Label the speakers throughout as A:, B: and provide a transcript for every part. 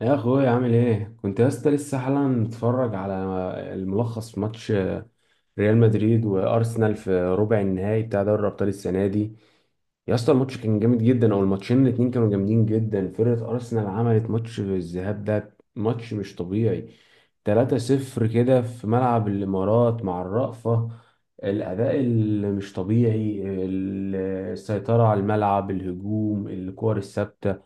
A: يا اخويا عامل ايه؟ كنت يا اسطى لسه حالا متفرج على الملخص في ماتش ريال مدريد وارسنال في ربع النهائي بتاع دوري الابطال السنه دي. يا اسطى الماتش كان جامد جدا، او الماتشين الاتنين كانوا جامدين جدا. فرقه ارسنال عملت ماتش في الذهاب، ده ماتش مش طبيعي، 3-0 كده في ملعب الامارات مع الرأفة. الاداء اللي مش طبيعي، السيطره على الملعب، الهجوم، الكور الثابته.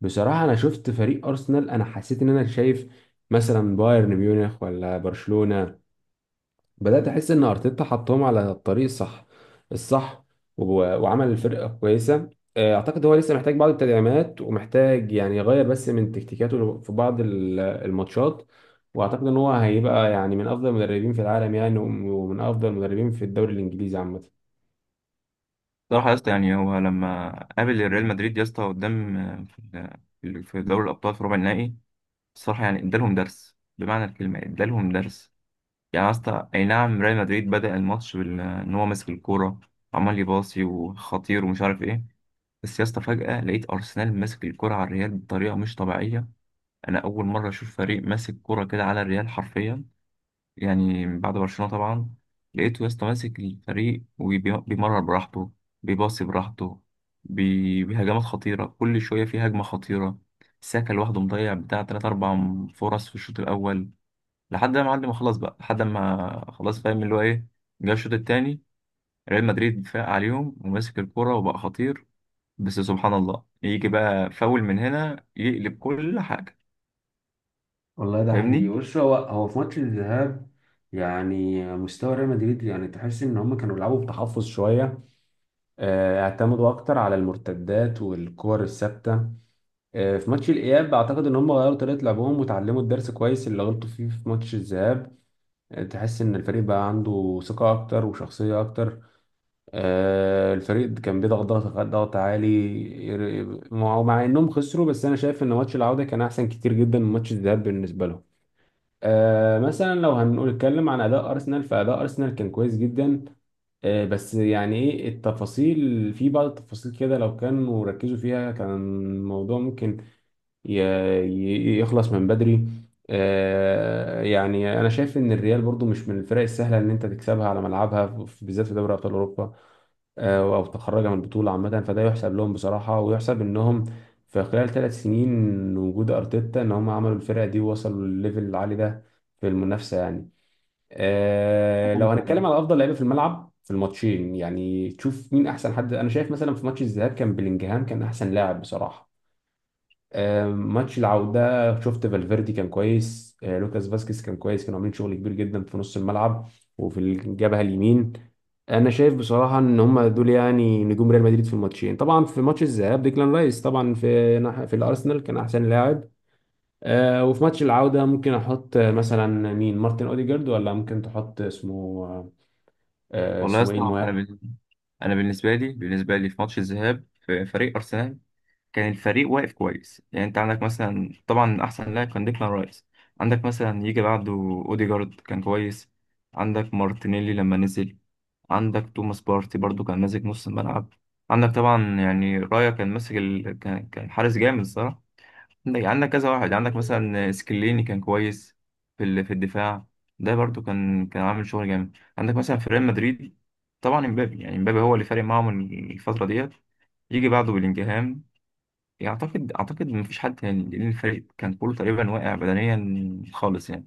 A: بصراحة أنا شفت فريق أرسنال، أنا حسيت إن أنا شايف مثلا بايرن ميونخ ولا برشلونة. بدأت أحس إن أرتيتا حطهم على الطريق الصح، الصح، و- وعمل الفرقة كويسة. آه، أعتقد هو لسه محتاج بعض التدعيمات، ومحتاج يعني يغير بس من تكتيكاته في بعض الماتشات. وأعتقد إن هو هيبقى يعني من أفضل المدربين في العالم يعني، ومن أفضل المدربين في الدوري الإنجليزي عامة.
B: صراحة يا اسطى، يعني هو لما قابل الريال مدريد يا اسطى قدام، في دوري الأبطال في ربع النهائي. الصراحة يعني ادالهم درس بمعنى الكلمة، ادالهم درس. يعني يا اسطى، أي نعم، ريال مدريد بدأ الماتش إن هو ماسك الكورة، وعمال يباصي وخطير ومش عارف إيه. بس يا اسطى فجأة لقيت أرسنال ماسك الكورة على الريال بطريقة مش طبيعية. أنا أول مرة أشوف فريق ماسك كورة كده على الريال حرفيا، يعني بعد برشلونة طبعا. لقيته يا اسطى ماسك الفريق وبيمرر براحته، بيباصي براحته بهجمات خطيرة، كل شوية في هجمة خطيرة. ساكا لوحده مضيع بتاع تلات أربع فرص في الشوط الأول، لحد ما معلم خلاص بقى، لحد ما خلاص فاهم اللي هو إيه. جه الشوط التاني، ريال مدريد فاق عليهم وماسك الكرة وبقى خطير، بس سبحان الله يجي بقى فاول من هنا يقلب كل حاجة.
A: والله ده حقيقي.
B: فاهمني؟
A: بص، هو في ماتش الذهاب يعني مستوى ريال مدريد، يعني تحس ان هم كانوا بيلعبوا بتحفظ شويه. آه، اعتمدوا اكتر على المرتدات والكور الثابته. آه، في ماتش الاياب اعتقد ان هم غيروا طريقه لعبهم وتعلموا الدرس كويس اللي غلطوا فيه في ماتش الذهاب. آه، تحس ان الفريق بقى عنده ثقه اكتر وشخصيه اكتر. آه، الفريق كان بيضغط ضغط ضغط عالي. مع انهم خسروا، بس انا شايف ان ماتش العوده كان احسن كتير جدا من ماتش الذهاب بالنسبه لهم. آه، مثلا لو هنقول نتكلم عن اداء ارسنال، فاداء ارسنال كان كويس جدا. آه، بس يعني ايه التفاصيل، في بعض التفاصيل كده لو كانوا ركزوا فيها كان الموضوع ممكن ي- يخلص من بدري. آه، يعني انا شايف ان الريال برضو مش من الفرق السهله ان انت تكسبها على ملعبها، بالذات في دوري ابطال اوروبا. آه، او تخرجها من البطوله عامه، فده يحسب لهم بصراحه، ويحسب انهم في خلال 3 سنين وجود ارتيتا ان هم عملوا الفرقه دي ووصلوا للليفل العالي ده في المنافسه يعني. آه، لو هنتكلم على افضل لعيبه في الملعب في الماتشين، يعني تشوف مين احسن حد. انا شايف مثلا في ماتش الذهاب كان بلينجهام كان احسن لاعب بصراحه. آه، ماتش العوده شفت فالفيردي كان كويس، آه لوكاس فاسكيز كان كويس، كانوا عاملين شغل كبير جدا في نص الملعب وفي الجبهه اليمين. انا شايف بصراحه ان هم دول يعني نجوم ريال مدريد في الماتشين. طبعا في ماتش الذهاب ديكلان رايس طبعا في الارسنال كان احسن لاعب. آه، وفي ماتش العوده ممكن احط آه، مثلا مين؟ مارتن اوديجارد، ولا ممكن تحط اسمه آه
B: والله يا
A: اسمه ايه
B: اسطى، انا
A: المهاجم.
B: بالنسبه انا بالنسبه لي بالنسبه لي في ماتش الذهاب في فريق ارسنال، كان الفريق واقف كويس. يعني انت عندك مثلا، طبعا احسن لاعب كان ديكلان رايس. عندك مثلا يجي بعده اوديجارد، كان كويس. عندك مارتينيلي لما نزل. عندك توماس بارتي برضو، كان ماسك نص الملعب. عندك طبعا يعني رايا، كان ماسك ال... كان كان حارس جامد الصراحه. عندك كذا واحد. عندك مثلا سكليني كان كويس في الدفاع. ده برضو كان عامل شغل جامد. عندك مثلا في ريال مدريد، طبعا امبابي، يعني امبابي هو اللي فارق معاهم الفترة ديت. يجي بعده بلينجهام. اعتقد مفيش حد تاني، لان الفريق كان كله تقريبا واقع بدنيا خالص يعني.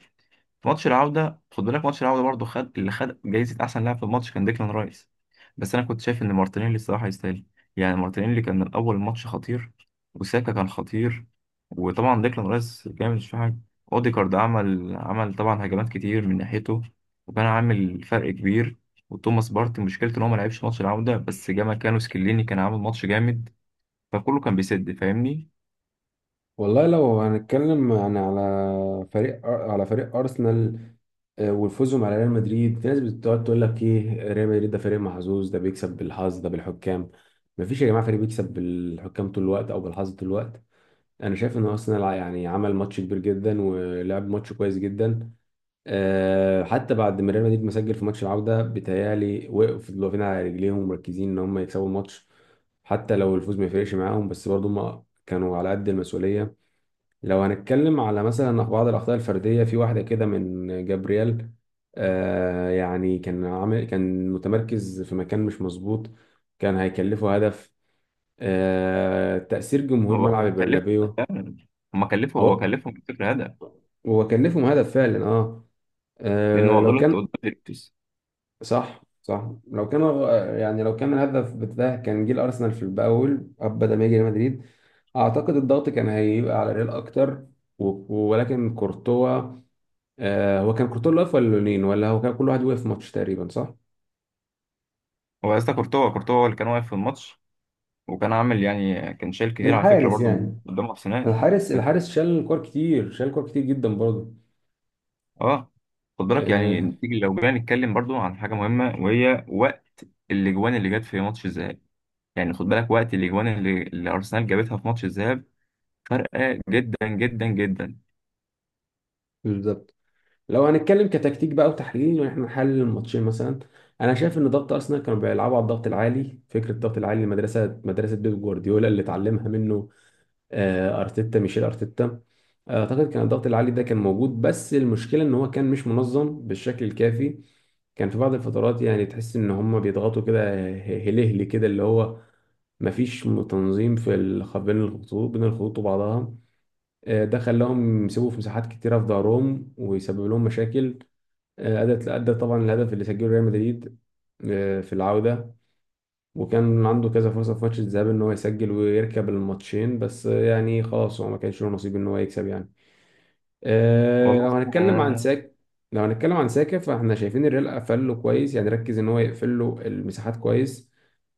B: في ماتش العودة خد بالك، ماتش العودة برضه، خد اللي خد جايزة أحسن لاعب في الماتش كان ديكلان رايس. بس أنا كنت شايف إن مارتينيلي الصراحة يستاهل، يعني مارتينيلي كان من أول ماتش خطير. وساكا كان خطير. وطبعا ديكلان رايس جامد مش في حاجة. أوديجارد عمل طبعا هجمات كتير من ناحيته، وكان عامل فرق كبير. وتوماس بارتي مشكلته إن هو ما لعبش ماتش العودة، بس جه مكانه سكليني كان عامل ماتش جامد. فكله كان بيسد. فاهمني؟
A: والله لو هنتكلم يعني على على فريق أرسنال، آه، وفوزهم على ريال مدريد، في ناس بتقعد تقول لك ايه، ريال مدريد ده فريق محظوظ، ده بيكسب بالحظ، ده بالحكام. مفيش يا جماعة فريق بيكسب بالحكام طول الوقت أو بالحظ طول الوقت. انا شايف ان ارسنال يعني عمل ماتش كبير جدا ولعب ماتش كويس جدا. أه حتى بعد ما ريال مدريد ما سجل في ماتش العوده، بيتهيألي وقفوا، فضلوا واقفين على رجليهم مركزين ان هم يكسبوا الماتش. حتى لو الفوز ما يفرقش معاهم، بس برضه هم كانوا على قد المسؤوليه. لو هنتكلم على مثلا بعض الاخطاء الفرديه، في واحده كده من جابرييل، أه يعني كان عامل، كان متمركز في مكان مش مظبوط، كان هيكلفه هدف. أه تأثير جمهور ملعب
B: هو كلفه
A: البرنابيو.
B: فعلا. هما كلفه، هو
A: هو
B: كلفهم الفكرة هدف،
A: هو كان ليفهم هدف فعلا، اه.
B: لأن هو
A: آه، لو
B: غلط قدام.
A: كان، صح صح، لو كان آه، يعني لو كان الهدف بتاعه كان جه الارسنال في الاول بدل ما يجي ريال مدريد، اعتقد الضغط كان هيبقى على ريال اكتر. ولكن كورتوا، آه، هو كان كورتوا اللي واقف، ولا لونين ولا هو كان كل واحد واقف في ماتش تقريبا، صح؟
B: هو يا اسطى كورتوا، كورتوا هو اللي كان واقف في الماتش، وكان عامل يعني كان شايل كتير على فكره
A: الحارس
B: برضه من
A: يعني،
B: قدام ارسنال.
A: الحارس،
B: كان،
A: شال كور كتير، شال كور كتير جدا برضه.
B: اه خد بالك، يعني
A: آه،
B: نيجي لو جينا نتكلم برضه عن حاجه مهمه، وهي وقت الاجوان اللي جت في ماتش الذهاب. يعني خد بالك وقت الاجوان اللي ارسنال جابتها في ماتش الذهاب، فرقه جدا جدا جدا.
A: بالظبط. لو هنتكلم كتكتيك بقى وتحليل، وان احنا نحلل الماتشين مثلا، انا شايف ان ضغط ارسنال كانوا بيلعبوا على الضغط العالي، فكره الضغط العالي، المدرسه، مدرسه بيب جوارديولا اللي اتعلمها منه آه، ارتيتا، ميشيل ارتيتا. آه، اعتقد كان الضغط العالي ده كان موجود، بس المشكله ان هو كان مش منظم بالشكل الكافي. كان في بعض الفترات يعني تحس ان هم بيضغطوا كده هلهلي كده، اللي هو مفيش تنظيم في بين الخطوط، وبعضها. آه، ده خلاهم يسيبوا في مساحات كتيرة في ظهرهم، ويسبب لهم مشاكل. آه، أدت، طبعا الهدف اللي سجله ريال مدريد آه، في العودة. وكان عنده كذا فرصة في ماتش الذهاب إن هو يسجل ويركب الماتشين، بس آه، يعني خلاص هو ما كانش له نصيب إن هو يكسب يعني. آه،
B: والله آه،
A: لو هنتكلم عن ساكا، فاحنا شايفين الريال قفل له كويس، يعني ركز إن هو يقفل له المساحات كويس.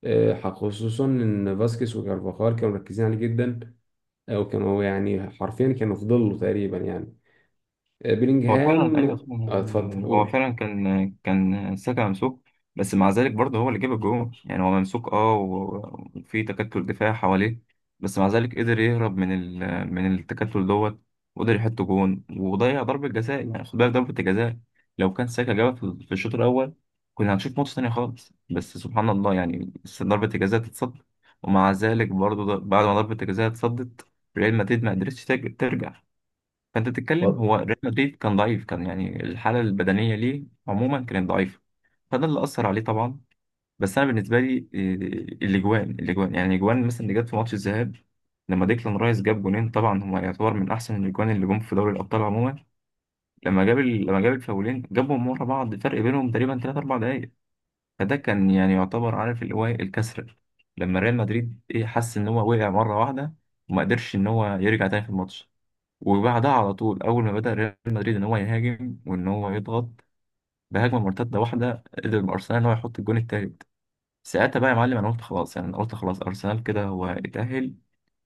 A: آه، خصوصا إن فاسكيز وكارفاخال كانوا مركزين عليه جدا. آه، وكانوا يعني حرفيا كانوا في ظله تقريبا يعني. آه،
B: هو فعلا
A: بيلينجهام.
B: ايوه طبعا،
A: آه،
B: يعني
A: اتفضل
B: هو
A: قول.
B: فعلا كان ساكا ممسوك. بس مع ذلك برضه هو اللي جاب الجول، يعني هو ممسوك، وفي تكتل دفاع حواليه. بس مع ذلك قدر يهرب من التكتل دوت، وقدر يحط جون وضيع ضربة جزاء. يعني خد بالك ضربة الجزاء، لو كان ساكا جابها في الشوط الأول، كنا هنشوف ماتش تاني خالص. بس سبحان الله يعني، بس ضربة الجزاء تتصد. ومع ذلك برضه بعد ما ضربة الجزاء اتصدت، ريال مدريد ما قدرتش ترجع. فانت بتتكلم، هو ريال مدريد كان ضعيف، كان يعني الحاله البدنيه ليه عموما كانت ضعيفه، فده اللي اثر عليه طبعا. بس انا بالنسبه لي الاجوان، يعني الاجوان مثلا اللي جت في ماتش الذهاب، لما ديكلان رايس جاب جونين، طبعا هو يعتبر من احسن الاجوان اللي جم في دوري الابطال عموما. لما جاب الفاولين، جابهم ورا بعض، فرق بينهم تقريبا 3 4 دقائق. فده كان يعني يعتبر، عارف اللي هو إيه، الكسر. لما ريال مدريد ايه حس ان هو وقع مره واحده، وما قدرش ان هو يرجع تاني في الماتش. وبعدها على طول، اول ما بدأ ريال مدريد ان هو يهاجم وان هو يضغط، بهجمه مرتده واحده قدر ارسنال ان هو يحط الجون التالت. ساعتها بقى يا معلم، انا قلت خلاص، يعني انا قلت خلاص ارسنال كده هو اتأهل،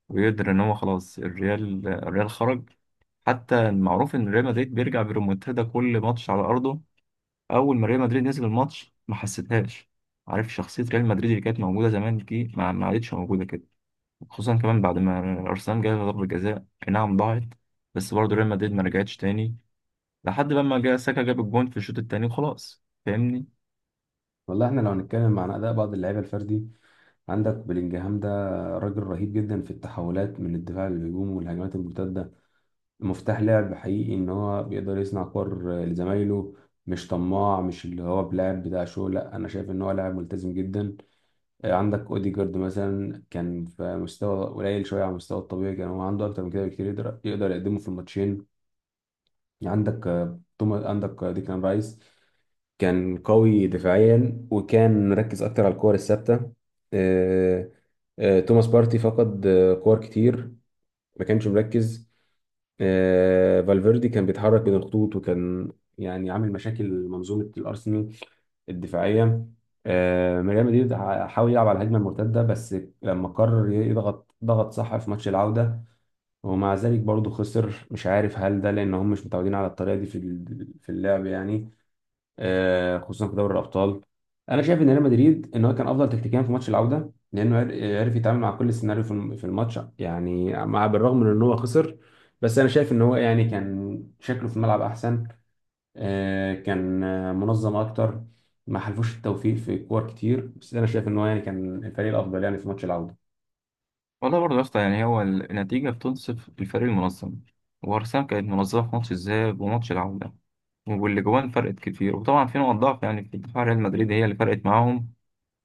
B: ويقدر ان هو خلاص الريال خرج. حتى المعروف ان ريال مدريد بيرجع بريمونتادا كل ماتش على ارضه. اول ما ريال مدريد نزل الماتش ما حسيتهاش. عارف شخصيه ريال مدريد اللي كانت موجوده زمان دي ما عادتش موجوده كده، خصوصا كمان بعد ما ارسنال جاب ضربه جزاء أي نعم ضاعت. بس برضه ريال مدريد ما رجعتش تاني، لحد لما جه ساكا جاب الجون في الشوط التاني وخلاص. فاهمني؟
A: والله احنا لو هنتكلم عن اداء بعض اللعيبه الفردي، عندك بلينجهام ده راجل رهيب جدا في التحولات من الدفاع للهجوم والهجمات المرتده، مفتاح لعب حقيقي، ان هو بيقدر يصنع كور لزمايله، مش طماع، مش اللي هو بلاعب بتاع شو، لا، انا شايف ان هو لاعب ملتزم جدا. آه، عندك اوديجارد مثلا كان في مستوى قليل شويه على المستوى الطبيعي، كان هو عنده اكتر من كده بكتير يقدر، يقدمه في الماتشين. عندك آه، توما، عندك آه، ديكلان رايس كان قوي دفاعيا، وكان مركز اكتر على الكور الثابته. آه، آه، توماس بارتي فقد آه، كور كتير، ما كانش مركز. آه، فالفيردي كان بيتحرك بين الخطوط وكان يعني عامل مشاكل منظومه الارسنال الدفاعيه. آه، ريال مدريد حاول يلعب على الهجمه المرتده بس، لما قرر يضغط ضغط صح في ماتش العوده، ومع ذلك برضه خسر. مش عارف هل ده لان هم مش متعودين على الطريقه دي في في اللعب يعني. آه، خصوصا في دوري الابطال. انا شايف ان ريال مدريد ان هو كان افضل تكتيكيا في ماتش العوده، لانه عرف يتعامل مع كل سيناريو في في الماتش يعني، مع بالرغم من ان هو خسر، بس انا شايف ان هو يعني كان شكله في الملعب احسن. آه، كان آه، منظم اكتر. ما حلفوش التوفيق في كور كتير، بس انا شايف ان هو يعني كان الفريق الافضل يعني في ماتش العوده.
B: والله برضه يا اسطى، يعني هو النتيجة بتنصف الفريق المنظم، وأرسنال كانت منظمة في ماتش الذهاب وماتش العودة، واللي جوان فرقت كتير. وطبعا في نقط ضعف يعني في دفاع ريال مدريد هي اللي فرقت معاهم،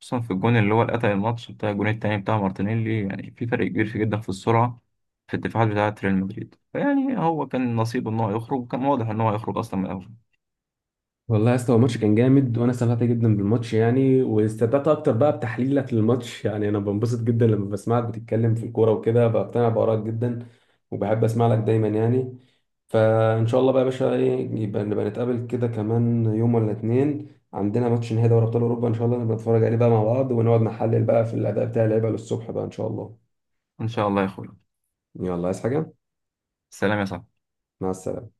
B: خصوصا في الجون اللي هو اللي قتل الماتش بتاع الجون التاني بتاع مارتينيلي. يعني في فرق كبير في جدا في السرعة في الدفاعات بتاعة ريال مدريد. فيعني هو كان نصيبه إن هو يخرج، وكان واضح إن هو هيخرج أصلا من الأول.
A: والله يا اسطى هو الماتش كان جامد، وانا استمتعت جدا بالماتش يعني، واستمتعت اكتر بقى بتحليلك للماتش. يعني انا بنبسط جدا لما بسمعك بتتكلم في الكوره وكده، بقتنع بارائك جدا، وبحب اسمع لك دايما يعني. فان شاء الله بقى يا باشا، ايه يبقى، نبقى نتقابل كده كمان يوم ولا اتنين، عندنا ماتش نهائي دوري ابطال اوروبا ان شاء الله، نبقى نتفرج عليه بقى مع بعض، ونقعد نحلل بقى في الاداء بتاع اللعيبه للصبح بقى ان شاء الله.
B: إن شاء الله يا أخوي.
A: يلا عايز حاجه؟
B: سلام يا صاحبي.
A: مع السلامه.